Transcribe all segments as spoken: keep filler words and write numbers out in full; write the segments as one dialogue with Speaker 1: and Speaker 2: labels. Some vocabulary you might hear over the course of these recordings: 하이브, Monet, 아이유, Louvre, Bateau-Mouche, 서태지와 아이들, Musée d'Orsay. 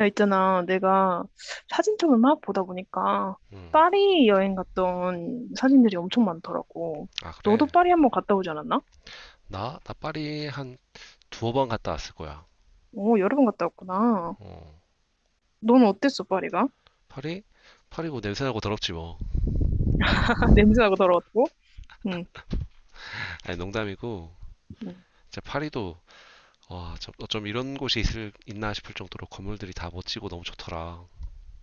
Speaker 1: 야, 있잖아. 내가 사진첩을 막 보다 보니까 파리 여행 갔던 사진들이 엄청 많더라고.
Speaker 2: 아, 그래?
Speaker 1: 너도 파리 한 번 갔다 오지 않았나?
Speaker 2: 나? 나 파리 한 두어 번 갔다 왔을 거야.
Speaker 1: 오, 여러 번 갔다 왔구나.
Speaker 2: 어,
Speaker 1: 넌 어땠어, 파리가?
Speaker 2: 파리? 파리고 냄새나고 더럽지 뭐.
Speaker 1: 냄새나고 더러웠고? 응,
Speaker 2: 아니, 농담이고.
Speaker 1: 응.
Speaker 2: 진짜 파리도, 와, 저- 어쩜 이런 곳이 있을, 있나 싶을 정도로 건물들이 다 멋지고 너무 좋더라.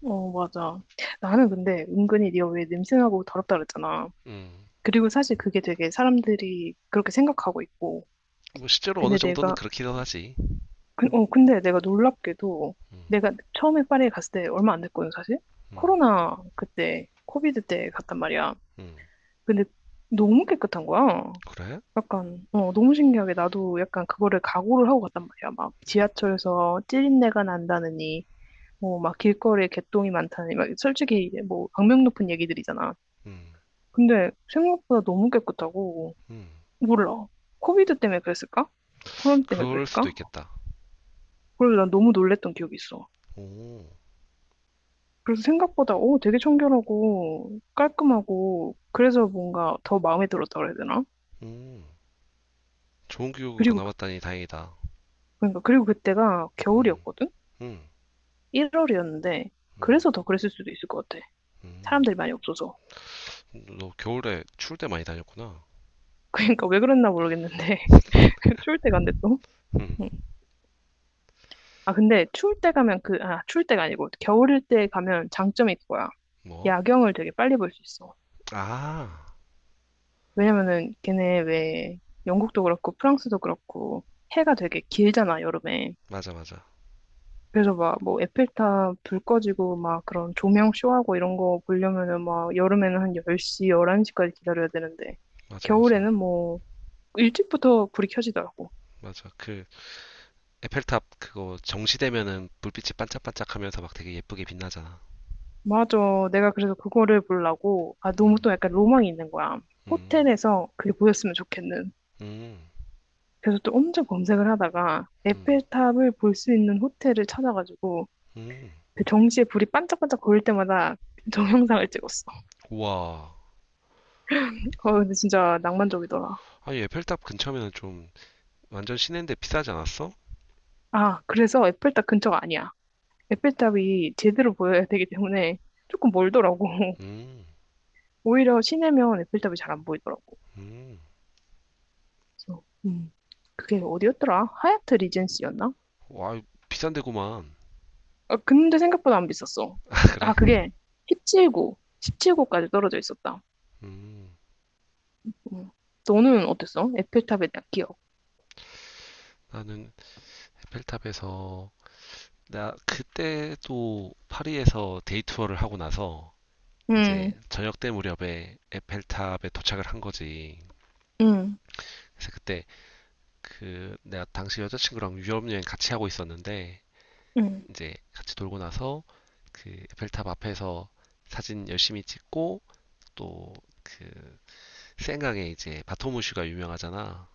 Speaker 1: 어, 맞아. 나는 근데 은근히 네가 왜 냄새나고 더럽다 그랬잖아.
Speaker 2: 음,
Speaker 1: 그리고 사실 그게 되게 사람들이 그렇게 생각하고 있고.
Speaker 2: 뭐 실제로 어느
Speaker 1: 근데
Speaker 2: 정도는
Speaker 1: 내가
Speaker 2: 그렇기도 하지.
Speaker 1: 근- 어, 근데 내가 놀랍게도 내가 처음에 파리에 갔을 때 얼마 안 됐거든, 사실.
Speaker 2: 음,
Speaker 1: 코로나 그때, 코비드 때 갔단 말이야.
Speaker 2: 음,
Speaker 1: 근데 너무 깨끗한 거야.
Speaker 2: 그래?
Speaker 1: 약간, 어, 너무 신기하게 나도 약간 그거를 각오를 하고 갔단 말이야. 막 지하철에서 찌린내가 난다느니, 뭐 막 길거리에 개똥이 많다느니, 막 솔직히 뭐 악명 높은 얘기들이잖아.
Speaker 2: 음,
Speaker 1: 근데 생각보다 너무 깨끗하고,
Speaker 2: 음,
Speaker 1: 몰라. 코비드 때문에 그랬을까? 코로나 때문에
Speaker 2: 그럴 수도
Speaker 1: 그랬을까?
Speaker 2: 있겠다.
Speaker 1: 그래서 난 너무 놀랬던 기억이 있어.
Speaker 2: 오,
Speaker 1: 그래서 생각보다 오, 되게 청결하고 깔끔하고 그래서 뭔가 더 마음에 들었다고 해야 되나?
Speaker 2: 음, 좋은 기억으로
Speaker 1: 그리고 그-
Speaker 2: 남았다니 다행이다.
Speaker 1: 그러니까 그리고 그때가
Speaker 2: 음,
Speaker 1: 겨울이었거든?
Speaker 2: 음,
Speaker 1: 일월이었는데
Speaker 2: 음,
Speaker 1: 그래서 더 그랬을 수도 있을 것 같아.
Speaker 2: 음.
Speaker 1: 사람들이 많이 없어서.
Speaker 2: 너 겨울에 추울 때 많이 다녔구나.
Speaker 1: 그러니까 왜 그랬나 모르겠는데 추울 때 간대 또.
Speaker 2: 음,
Speaker 1: 응. 아 근데 추울 때 가면 그 아 추울 때가 아니고 겨울일 때 가면 장점이 그거야.
Speaker 2: 뭐?
Speaker 1: 야경을 되게 빨리 볼 수 있어.
Speaker 2: 아,
Speaker 1: 왜냐면은 걔네 왜 영국도 그렇고 프랑스도 그렇고 해가 되게 길잖아 여름에.
Speaker 2: 맞아, 맞아.
Speaker 1: 그래서 막 뭐 에펠탑 불 꺼지고 막 그런 조명 쇼하고 이런 거 보려면은 막 여름에는 한 열 시, 열한 시까지 기다려야 되는데
Speaker 2: 맞아, 맞아.
Speaker 1: 겨울에는 뭐 일찍부터 불이 켜지더라고.
Speaker 2: 맞아. 그, 에펠탑 그거 정시되면은 불빛이 반짝반짝 하면서 막 되게 예쁘게 빛나잖아.
Speaker 1: 맞아. 내가 그래서 그거를 보려고 아 너무
Speaker 2: 음,
Speaker 1: 또 약간 로망이 있는 거야.
Speaker 2: 음,
Speaker 1: 호텔에서 그게 보였으면 좋겠는.
Speaker 2: 음,
Speaker 1: 그래서 또 엄청 검색을 하다가
Speaker 2: 음,
Speaker 1: 에펠탑을 볼 수 있는 호텔을 찾아가지고
Speaker 2: 음.
Speaker 1: 그 정시에 불이 반짝반짝 보일 때마다 그 동영상을 찍었어.
Speaker 2: 우와.
Speaker 1: 어, 근데 진짜 낭만적이더라.
Speaker 2: 아니, 에펠탑 근처면은 좀 완전 시내인데 비싸지 않았어?
Speaker 1: 아, 그래서 에펠탑 근처가 아니야. 에펠탑이 제대로 보여야 되기 때문에 조금 멀더라고.
Speaker 2: 음,
Speaker 1: 오히려 시내면 에펠탑이 잘 안 보이더라고.
Speaker 2: 음.
Speaker 1: 그래서, 음, 그게 어디였더라? 하얏트 리젠시였나?
Speaker 2: 와, 비싼 데구만.
Speaker 1: 아, 근데 생각보다 안 비쌌어.
Speaker 2: 그래.
Speaker 1: 아, 그게 십칠 구 십칠 구까지 떨어져 있었다.
Speaker 2: 음,
Speaker 1: 음. 너는 어땠어? 에펠탑에 대한 기억.
Speaker 2: 나는 에펠탑에서, 나 그때도 파리에서 데이 투어를 하고 나서 이제
Speaker 1: 음,
Speaker 2: 저녁 때 무렵에 에펠탑에 도착을 한 거지.
Speaker 1: 음,
Speaker 2: 그래서 그때 그 내가 당시 여자친구랑 유럽 여행 같이 하고 있었는데
Speaker 1: 음.
Speaker 2: 이제 같이 돌고 나서 그 에펠탑 앞에서 사진 열심히 찍고 또 그 센강에 이제 바토무슈가 유명하잖아.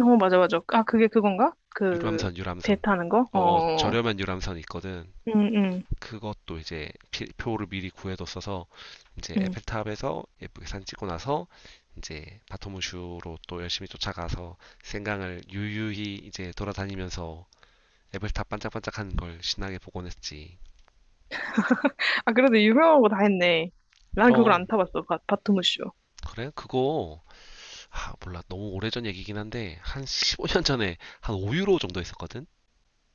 Speaker 1: 어, 맞아, 맞아. 아, 그게 그건가? 그,
Speaker 2: 유람선
Speaker 1: 배
Speaker 2: 유람선.
Speaker 1: 타는 거?
Speaker 2: 어, 어
Speaker 1: 어,
Speaker 2: 저렴한 유람선 있거든.
Speaker 1: 음, 음,
Speaker 2: 그것도 이제 표를 미리 구해뒀어서 이제
Speaker 1: 음.
Speaker 2: 에펠탑에서 예쁘게 사진 찍고 나서 이제 바토무슈로 또 열심히 쫓아가서 생강을 유유히 이제 돌아다니면서 에펠탑 반짝반짝하는 걸 신나게 보곤 했지.
Speaker 1: 아, 그래도 유명한 거 다 했네. 난 그걸
Speaker 2: 그럼
Speaker 1: 안 타봤어, 바, 바토무쇼.
Speaker 2: 그래? 그거 아, 몰라 너무 오래전 얘기긴 한데 한 십오 년 전에 한 오 유로 정도 했었거든?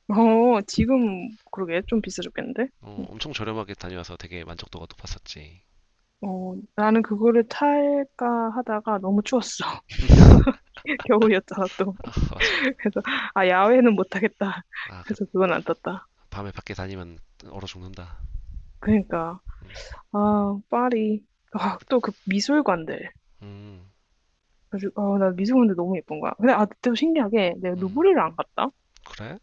Speaker 1: 어, 지금 그러게 좀 비싸졌겠는데?
Speaker 2: 어,
Speaker 1: 응.
Speaker 2: 엄청 저렴하게 다녀와서 되게 만족도가 높았었지.
Speaker 1: 어, 나는 그거를 탈까 하다가 너무 추웠어. 겨울이었잖아, 또.
Speaker 2: 아, 맞아.
Speaker 1: 그래서, 아, 야외는 못하겠다.
Speaker 2: 아, 그
Speaker 1: 그래서 그건 안 탔다.
Speaker 2: 밤에 밖에 다니면 얼어 죽는다.
Speaker 1: 그러니까, 아, 파리. 아, 또 그 미술관들.
Speaker 2: 음,
Speaker 1: 그래서, 아, 나 미술관들 너무 예쁜 거야. 근데, 아, 또 신기하게 내가 루브르를 안 갔다?
Speaker 2: 그래?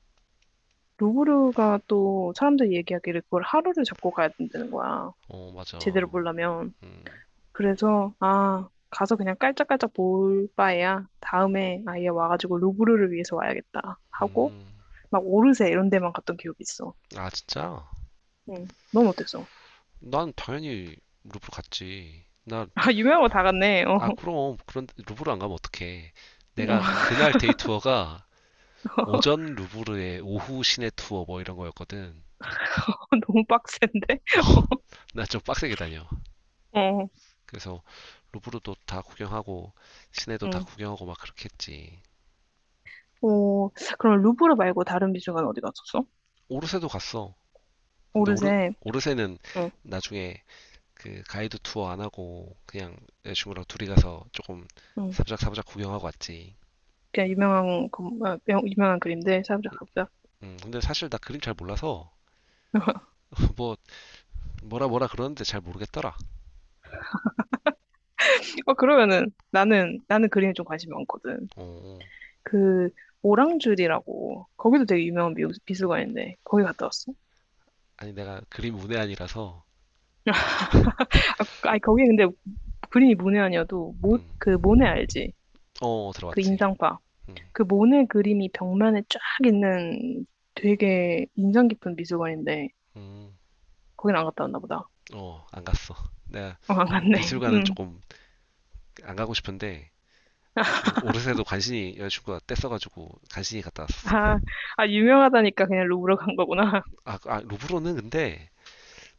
Speaker 1: 루브르가 또 사람들이 얘기하기를 그걸 하루를 잡고 가야 된다는 거야.
Speaker 2: 어,
Speaker 1: 제대로
Speaker 2: 맞아.
Speaker 1: 보려면.
Speaker 2: 음,
Speaker 1: 그래서 아 가서 그냥 깔짝깔짝 볼 바에야 다음에 아예 와가지고 루브르를 위해서 와야겠다 하고
Speaker 2: 음.
Speaker 1: 막 오르세 이런 데만 갔던 기억이 있어.
Speaker 2: 아, 진짜?
Speaker 1: 응. 넌 어땠어?
Speaker 2: 난 당연히 루브르 갔지. 나,
Speaker 1: 아 유명한 거 다 갔네. 어.
Speaker 2: 아, 그럼. 그런데 루브르 안 가면 어떡해. 내가 그날 데이 투어가 오전 루브르에 오후 시내 투어 뭐 이런 거였거든.
Speaker 1: 너무 빡센데.
Speaker 2: 나 좀 빡세게 다녀.
Speaker 1: 어.
Speaker 2: 그래서 루브르도 다 구경하고, 시내도 다
Speaker 1: 응.
Speaker 2: 구경하고 막 그렇게 했지.
Speaker 1: 오 그럼 루브르 말고 다른 미술관 어디 갔었어?
Speaker 2: 오르세도 갔어. 근데 오르,
Speaker 1: 오르세.
Speaker 2: 오르세는
Speaker 1: 응.
Speaker 2: 나중에 그 가이드 투어 안 하고 그냥 여자친구랑 둘이 가서 조금
Speaker 1: 응.
Speaker 2: 사부작사부작 구경하고 왔지.
Speaker 1: 그냥 유명한 그, 아, 명- 유명한 그림들 사부작 사부작.
Speaker 2: 음, 근데 사실 나 그림 잘 몰라서 뭐 뭐라 뭐라 그러는데 잘 모르겠더라.
Speaker 1: 어 그러면은 나는 나는 그림에 좀 관심이 많거든.
Speaker 2: 어, 어.
Speaker 1: 그 오랑줄이라고 거기도 되게 유명한 미- 미술관인데 거기 갔다 왔어?
Speaker 2: 아니 내가 그림 문외한이라서
Speaker 1: 아, 아니 거기 근데 그림이 모네 아니어도 모,
Speaker 2: 음,
Speaker 1: 그 모네 알지?
Speaker 2: 어 어,
Speaker 1: 그
Speaker 2: 들어왔지.
Speaker 1: 인상파
Speaker 2: 음,
Speaker 1: 그 모네 그림이 벽면에 쫙 있는 되게 인상 깊은 미술관인데
Speaker 2: 음,
Speaker 1: 거긴 안 갔다 왔나 보다.
Speaker 2: 어, 안 갔어. 내가
Speaker 1: 어, 안 갔네.
Speaker 2: 미술관은
Speaker 1: 응.
Speaker 2: 조금 안 가고 싶은데 그 오르세도 간신히 여자친구가 뗐어가지고 간신히 갔다 왔었어.
Speaker 1: 아, 아 유명하다니까 그냥 루브르 간 거구나.
Speaker 2: 아, 아 루브르는 근데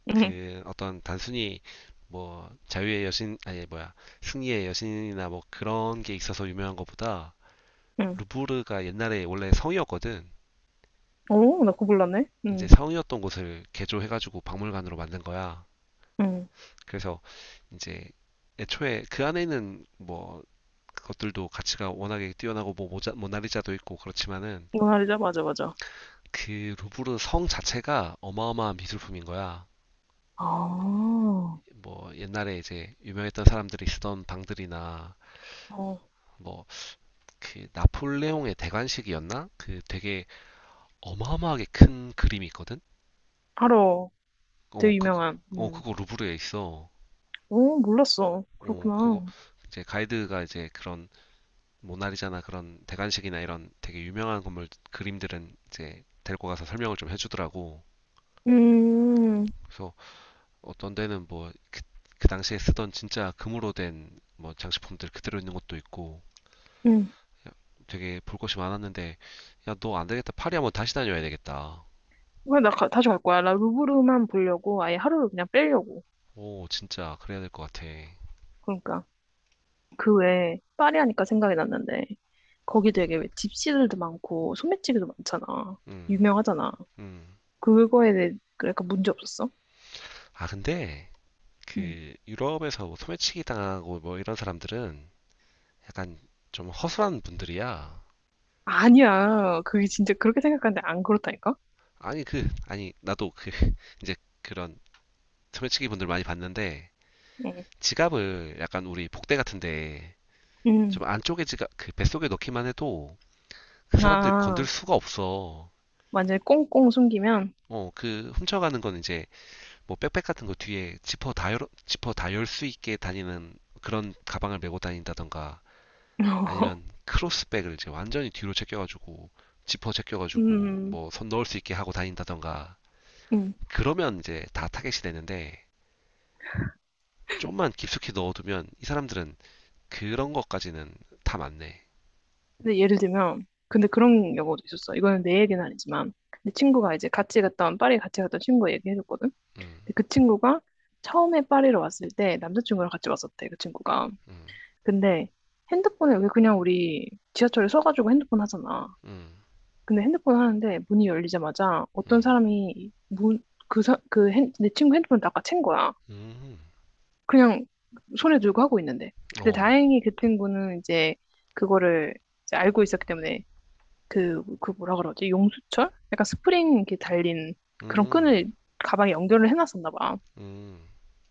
Speaker 1: 응,
Speaker 2: 그 어떤 단순히 뭐 자유의 여신 아니 뭐야 승리의 여신이나 뭐 그런 게 있어서 유명한 것보다
Speaker 1: 응.
Speaker 2: 루브르가 옛날에 원래 성이었거든.
Speaker 1: 오, 나 그거 몰랐네.
Speaker 2: 이제
Speaker 1: 응,
Speaker 2: 성이었던 곳을 개조해가지고 박물관으로 만든 거야.
Speaker 1: 응.
Speaker 2: 그래서 이제 애초에 그 안에는 뭐 것들도 가치가 워낙에 뛰어나고 뭐 모자, 모나리자도 있고 그렇지만은
Speaker 1: 모나리자 맞아 맞아.
Speaker 2: 그 루브르 성 자체가 어마어마한 미술품인 거야.
Speaker 1: 아, 어,
Speaker 2: 뭐 옛날에 이제 유명했던 사람들이 쓰던 방들이나 뭐 그 나폴레옹의 대관식이었나? 그 되게 어마어마하게 큰 그림이 있거든.
Speaker 1: 바로
Speaker 2: 어
Speaker 1: 되게
Speaker 2: 그거
Speaker 1: 유명한.
Speaker 2: 어
Speaker 1: 음.
Speaker 2: 그거 루브르에 있어.
Speaker 1: 오, 몰랐어.
Speaker 2: 어
Speaker 1: 그렇구나.
Speaker 2: 그거 이제 가이드가 이제 그런 모나리자나 그런 대관식이나 이런 되게 유명한 건물 그림들은 이제 데리고 가서 설명을 좀 해주더라고.
Speaker 1: 음,
Speaker 2: 그래서 어떤 데는 뭐 그 당시에 쓰던 진짜 금으로 된 뭐 장식품들 그대로 있는 것도 있고
Speaker 1: 음.
Speaker 2: 되게 볼 것이 많았는데 야, 너 안 되겠다. 파리 한번 다시 다녀야 되겠다.
Speaker 1: 그래, 나 가- 다시 갈 거야. 나 루브르만 보려고 아예 하루를 그냥 빼려고.
Speaker 2: 오, 진짜 그래야 될 것 같아.
Speaker 1: 그러니까 그 외에 파리 하니까 생각이 났는데 거기 되게 왜 집시들도 많고 소매치기도 많잖아.
Speaker 2: 음,
Speaker 1: 유명하잖아.
Speaker 2: 음.
Speaker 1: 그거에 대해 그러니까 문제 없었어?
Speaker 2: 아, 근데
Speaker 1: 응.
Speaker 2: 그 유럽에서 뭐 소매치기 당하고 뭐 이런 사람들은 약간 좀 허술한 분들이야.
Speaker 1: 아니야. 그게 진짜 그렇게 생각하는데 안 그렇다니까?
Speaker 2: 아니 그 아니 나도 그 이제 그런 소매치기 분들 많이 봤는데
Speaker 1: 응.
Speaker 2: 지갑을 약간 우리 복대 같은데
Speaker 1: 음.
Speaker 2: 좀 안쪽에 지갑 그 뱃속에 넣기만 해도 그 사람들 건들
Speaker 1: 아,
Speaker 2: 수가 없어.
Speaker 1: 완전히 꽁꽁 숨기면.
Speaker 2: 어, 그 훔쳐가는 건 이제 뭐 백팩 같은 거 뒤에 지퍼 다 열, 지퍼 다 열 수 있게 다니는 그런 가방을 메고 다닌다던가 아니면 크로스백을 이제 완전히 뒤로 제껴가지고 지퍼 제껴가지고
Speaker 1: 음.
Speaker 2: 뭐 손 넣을 수 있게 하고 다닌다던가
Speaker 1: 음.
Speaker 2: 그러면 이제 다 타겟이 되는데 좀만 깊숙이 넣어두면 이 사람들은 그런 것까지는 다 맞네.
Speaker 1: 근데 예를 들면, 근데 그런 경우도 있었어. 이거는 내 얘기는 아니지만, 내 친구가 이제 같이 갔던, 파리 같이 갔던 친구가 얘기해줬거든.
Speaker 2: 음,
Speaker 1: 근데 그 친구가 처음에 파리로 왔을 때 남자친구랑 같이 왔었대, 그 친구가.
Speaker 2: 음,
Speaker 1: 근데 핸드폰을 왜 그냥 우리 지하철에 서가지고 핸드폰 하잖아.
Speaker 2: 음,
Speaker 1: 근데 핸드폰 하는데 문이 열리자마자 어떤
Speaker 2: 음,
Speaker 1: 사람이 문, 그, 사, 그 핸, 내 친구 핸드폰을 다아챈 거야.
Speaker 2: 음,
Speaker 1: 그냥 손에 들고 하고 있는데. 근데
Speaker 2: 어,
Speaker 1: 다행히 그 친구는 이제 그거를 이제 알고 있었기 때문에 그, 그 뭐라 그러지? 용수철? 약간 스프링 이렇게 달린 그런
Speaker 2: 음,
Speaker 1: 끈을 가방에 연결을 해놨었나 봐.
Speaker 2: 음,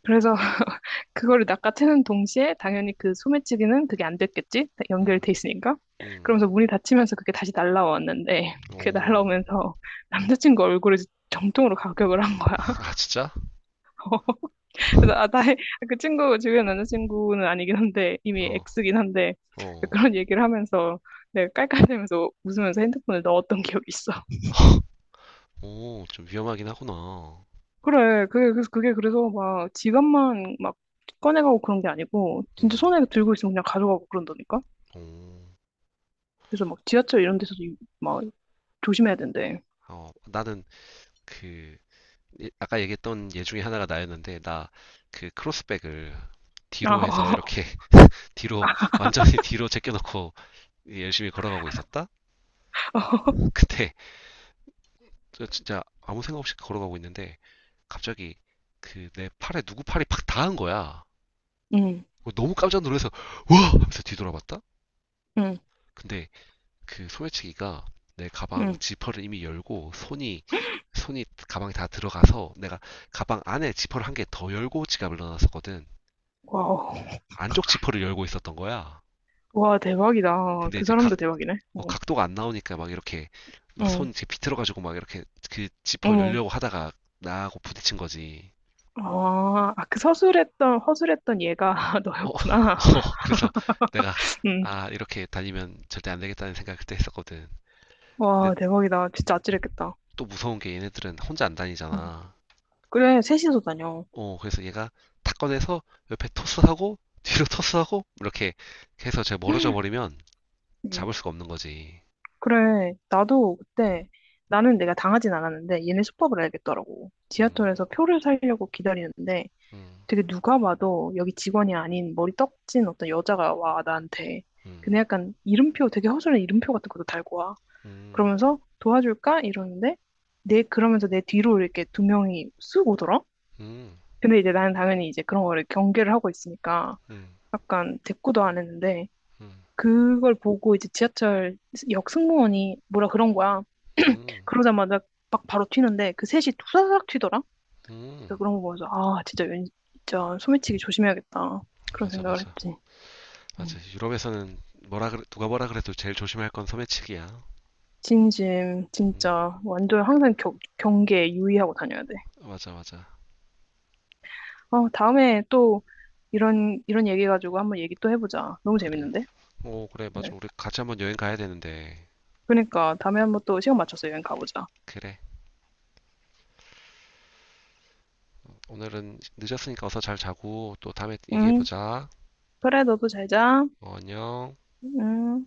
Speaker 1: 그래서 그거를 낚아채는 동시에 당연히 그 소매치기는 그게 안 됐겠지?
Speaker 2: 음,
Speaker 1: 연결돼 있으니까.
Speaker 2: 음,
Speaker 1: 그러면서 문이 닫히면서 그게 다시 날라왔는데 그게
Speaker 2: 오,
Speaker 1: 날라오면서 남자친구 얼굴을 정통으로 가격을 한 거야.
Speaker 2: 아 진짜?
Speaker 1: 그래서 아, 나의 아, 그 친구 주변 남자친구는 아니긴 한데 이미
Speaker 2: 어,
Speaker 1: X긴 한데
Speaker 2: 어,
Speaker 1: 그런 얘기를 하면서 내가 깔깔대면서 웃으면서 핸드폰을 넣었던 기억이 있어.
Speaker 2: 오, 좀 위험하긴 하구나.
Speaker 1: 그래, 그게, 그래서 그게 그래서 막 지갑만 막 꺼내가고 그런 게 아니고, 진짜
Speaker 2: 음,
Speaker 1: 손에 들고 있으면 그냥 가져가고 그런다니까?
Speaker 2: 오,
Speaker 1: 그래서 막 지하철 이런 데서도 이- 막 조심해야 된대.
Speaker 2: 어, 나는 그 예- 아까 얘기했던 예 중에 하나가 나였는데 나 그 크로스백을
Speaker 1: 아,
Speaker 2: 뒤로 해서
Speaker 1: 어.
Speaker 2: 이렇게 뒤로 완전히 뒤로 제껴놓고 열심히 걸어가고 있었다. 그때 저 진짜 아무 생각 없이 걸어가고 있는데 갑자기 그 내 팔에 누구 팔이 팍 닿은 거야.
Speaker 1: 응,
Speaker 2: 어, 너무 깜짝 놀라서 와! 하면서 뒤돌아봤다?
Speaker 1: 응,
Speaker 2: 근데 그 소매치기가 내 가방
Speaker 1: 응.
Speaker 2: 지퍼를 이미 열고 손이 손이 가방에 다 들어가서 내가 가방 안에 지퍼를 한 개 더 열고 지갑을 넣어놨었거든.
Speaker 1: 와우.
Speaker 2: 안쪽 지퍼를 열고 있었던 거야.
Speaker 1: 와, 대박이다.
Speaker 2: 근데
Speaker 1: 그
Speaker 2: 이제 각,
Speaker 1: 사람도 대박이네.
Speaker 2: 어,
Speaker 1: 응,
Speaker 2: 각도가 안 나오니까 막 이렇게 막 손
Speaker 1: 응,
Speaker 2: 이렇게 비틀어가지고 막 이렇게 그 지퍼
Speaker 1: 어머.
Speaker 2: 열려고 하다가 나하고 부딪힌 거지.
Speaker 1: 아, 아, 그 서술했던, 허술했던 얘가
Speaker 2: 어,
Speaker 1: 너였구나.
Speaker 2: 어, 그래서 내가,
Speaker 1: 응.
Speaker 2: 아, 이렇게 다니면 절대 안 되겠다는 생각을 그때 했었거든.
Speaker 1: 와,
Speaker 2: 근데
Speaker 1: 대박이다. 진짜 아찔했겠다.
Speaker 2: 또 무서운 게 얘네들은 혼자 안
Speaker 1: 응.
Speaker 2: 다니잖아.
Speaker 1: 그래, 셋이서 다녀.
Speaker 2: 어, 그래서 얘가 탁 꺼내서 옆에 토스하고, 뒤로 토스하고, 이렇게 해서 제가 멀어져 버리면 잡을 수가 없는 거지.
Speaker 1: 그래, 나도 그때, 나는 내가 당하진 않았는데, 얘네 수법을 알겠더라고.
Speaker 2: 음,
Speaker 1: 지하철에서 표를 사려고 기다리는데,
Speaker 2: 음,
Speaker 1: 되게 누가 봐도 여기 직원이 아닌 머리 떡진 어떤 여자가 와, 나한테.
Speaker 2: 음,
Speaker 1: 근데 약간 이름표, 되게 허술한 이름표 같은 것도 달고 와.
Speaker 2: 음,
Speaker 1: 그러면서 도와줄까? 이러는데, 내, 그러면서 내 뒤로 이렇게 두 명이 쑥 오더라?
Speaker 2: 음,
Speaker 1: 근데 이제 나는 당연히 이제 그런 거를 경계를 하고 있으니까,
Speaker 2: 음,
Speaker 1: 약간 대꾸도 안 했는데, 그걸 보고 이제 지하철 역 승무원이 뭐라 그런 거야.
Speaker 2: 음,
Speaker 1: 그러자마자 막 바로 튀는데 그 셋이 투사삭 튀더라.
Speaker 2: 음.
Speaker 1: 그래서 그런 거 보면서 아 진짜 왠 진짜 소매치기 조심해야겠다 그런
Speaker 2: 맞아,
Speaker 1: 생각을
Speaker 2: 맞아.
Speaker 1: 했지. 음.
Speaker 2: 맞아. 유럽에서는 뭐라 그래, 누가 뭐라 그래도 제일 조심할 건 소매치기야.
Speaker 1: 진심
Speaker 2: 음,
Speaker 1: 진짜 완전 항상 겨, 경계에 유의하고 다녀야 돼.
Speaker 2: 맞아, 맞아.
Speaker 1: 어 다음에 또 이런 이런 얘기 가지고 한번 얘기 또 해보자. 너무
Speaker 2: 그래.
Speaker 1: 재밌는데?
Speaker 2: 오, 그래,
Speaker 1: 그래.
Speaker 2: 맞아. 우리 같이 한번 여행 가야 되는데.
Speaker 1: 그러니까 다음에 한번 또 시간 맞춰서 여행 가보자.
Speaker 2: 그래. 오늘은 늦었으니까 어서 잘 자고 또 다음에
Speaker 1: 응.
Speaker 2: 얘기해보자.
Speaker 1: 그래 너도 잘 자.
Speaker 2: 어, 안녕.
Speaker 1: 응.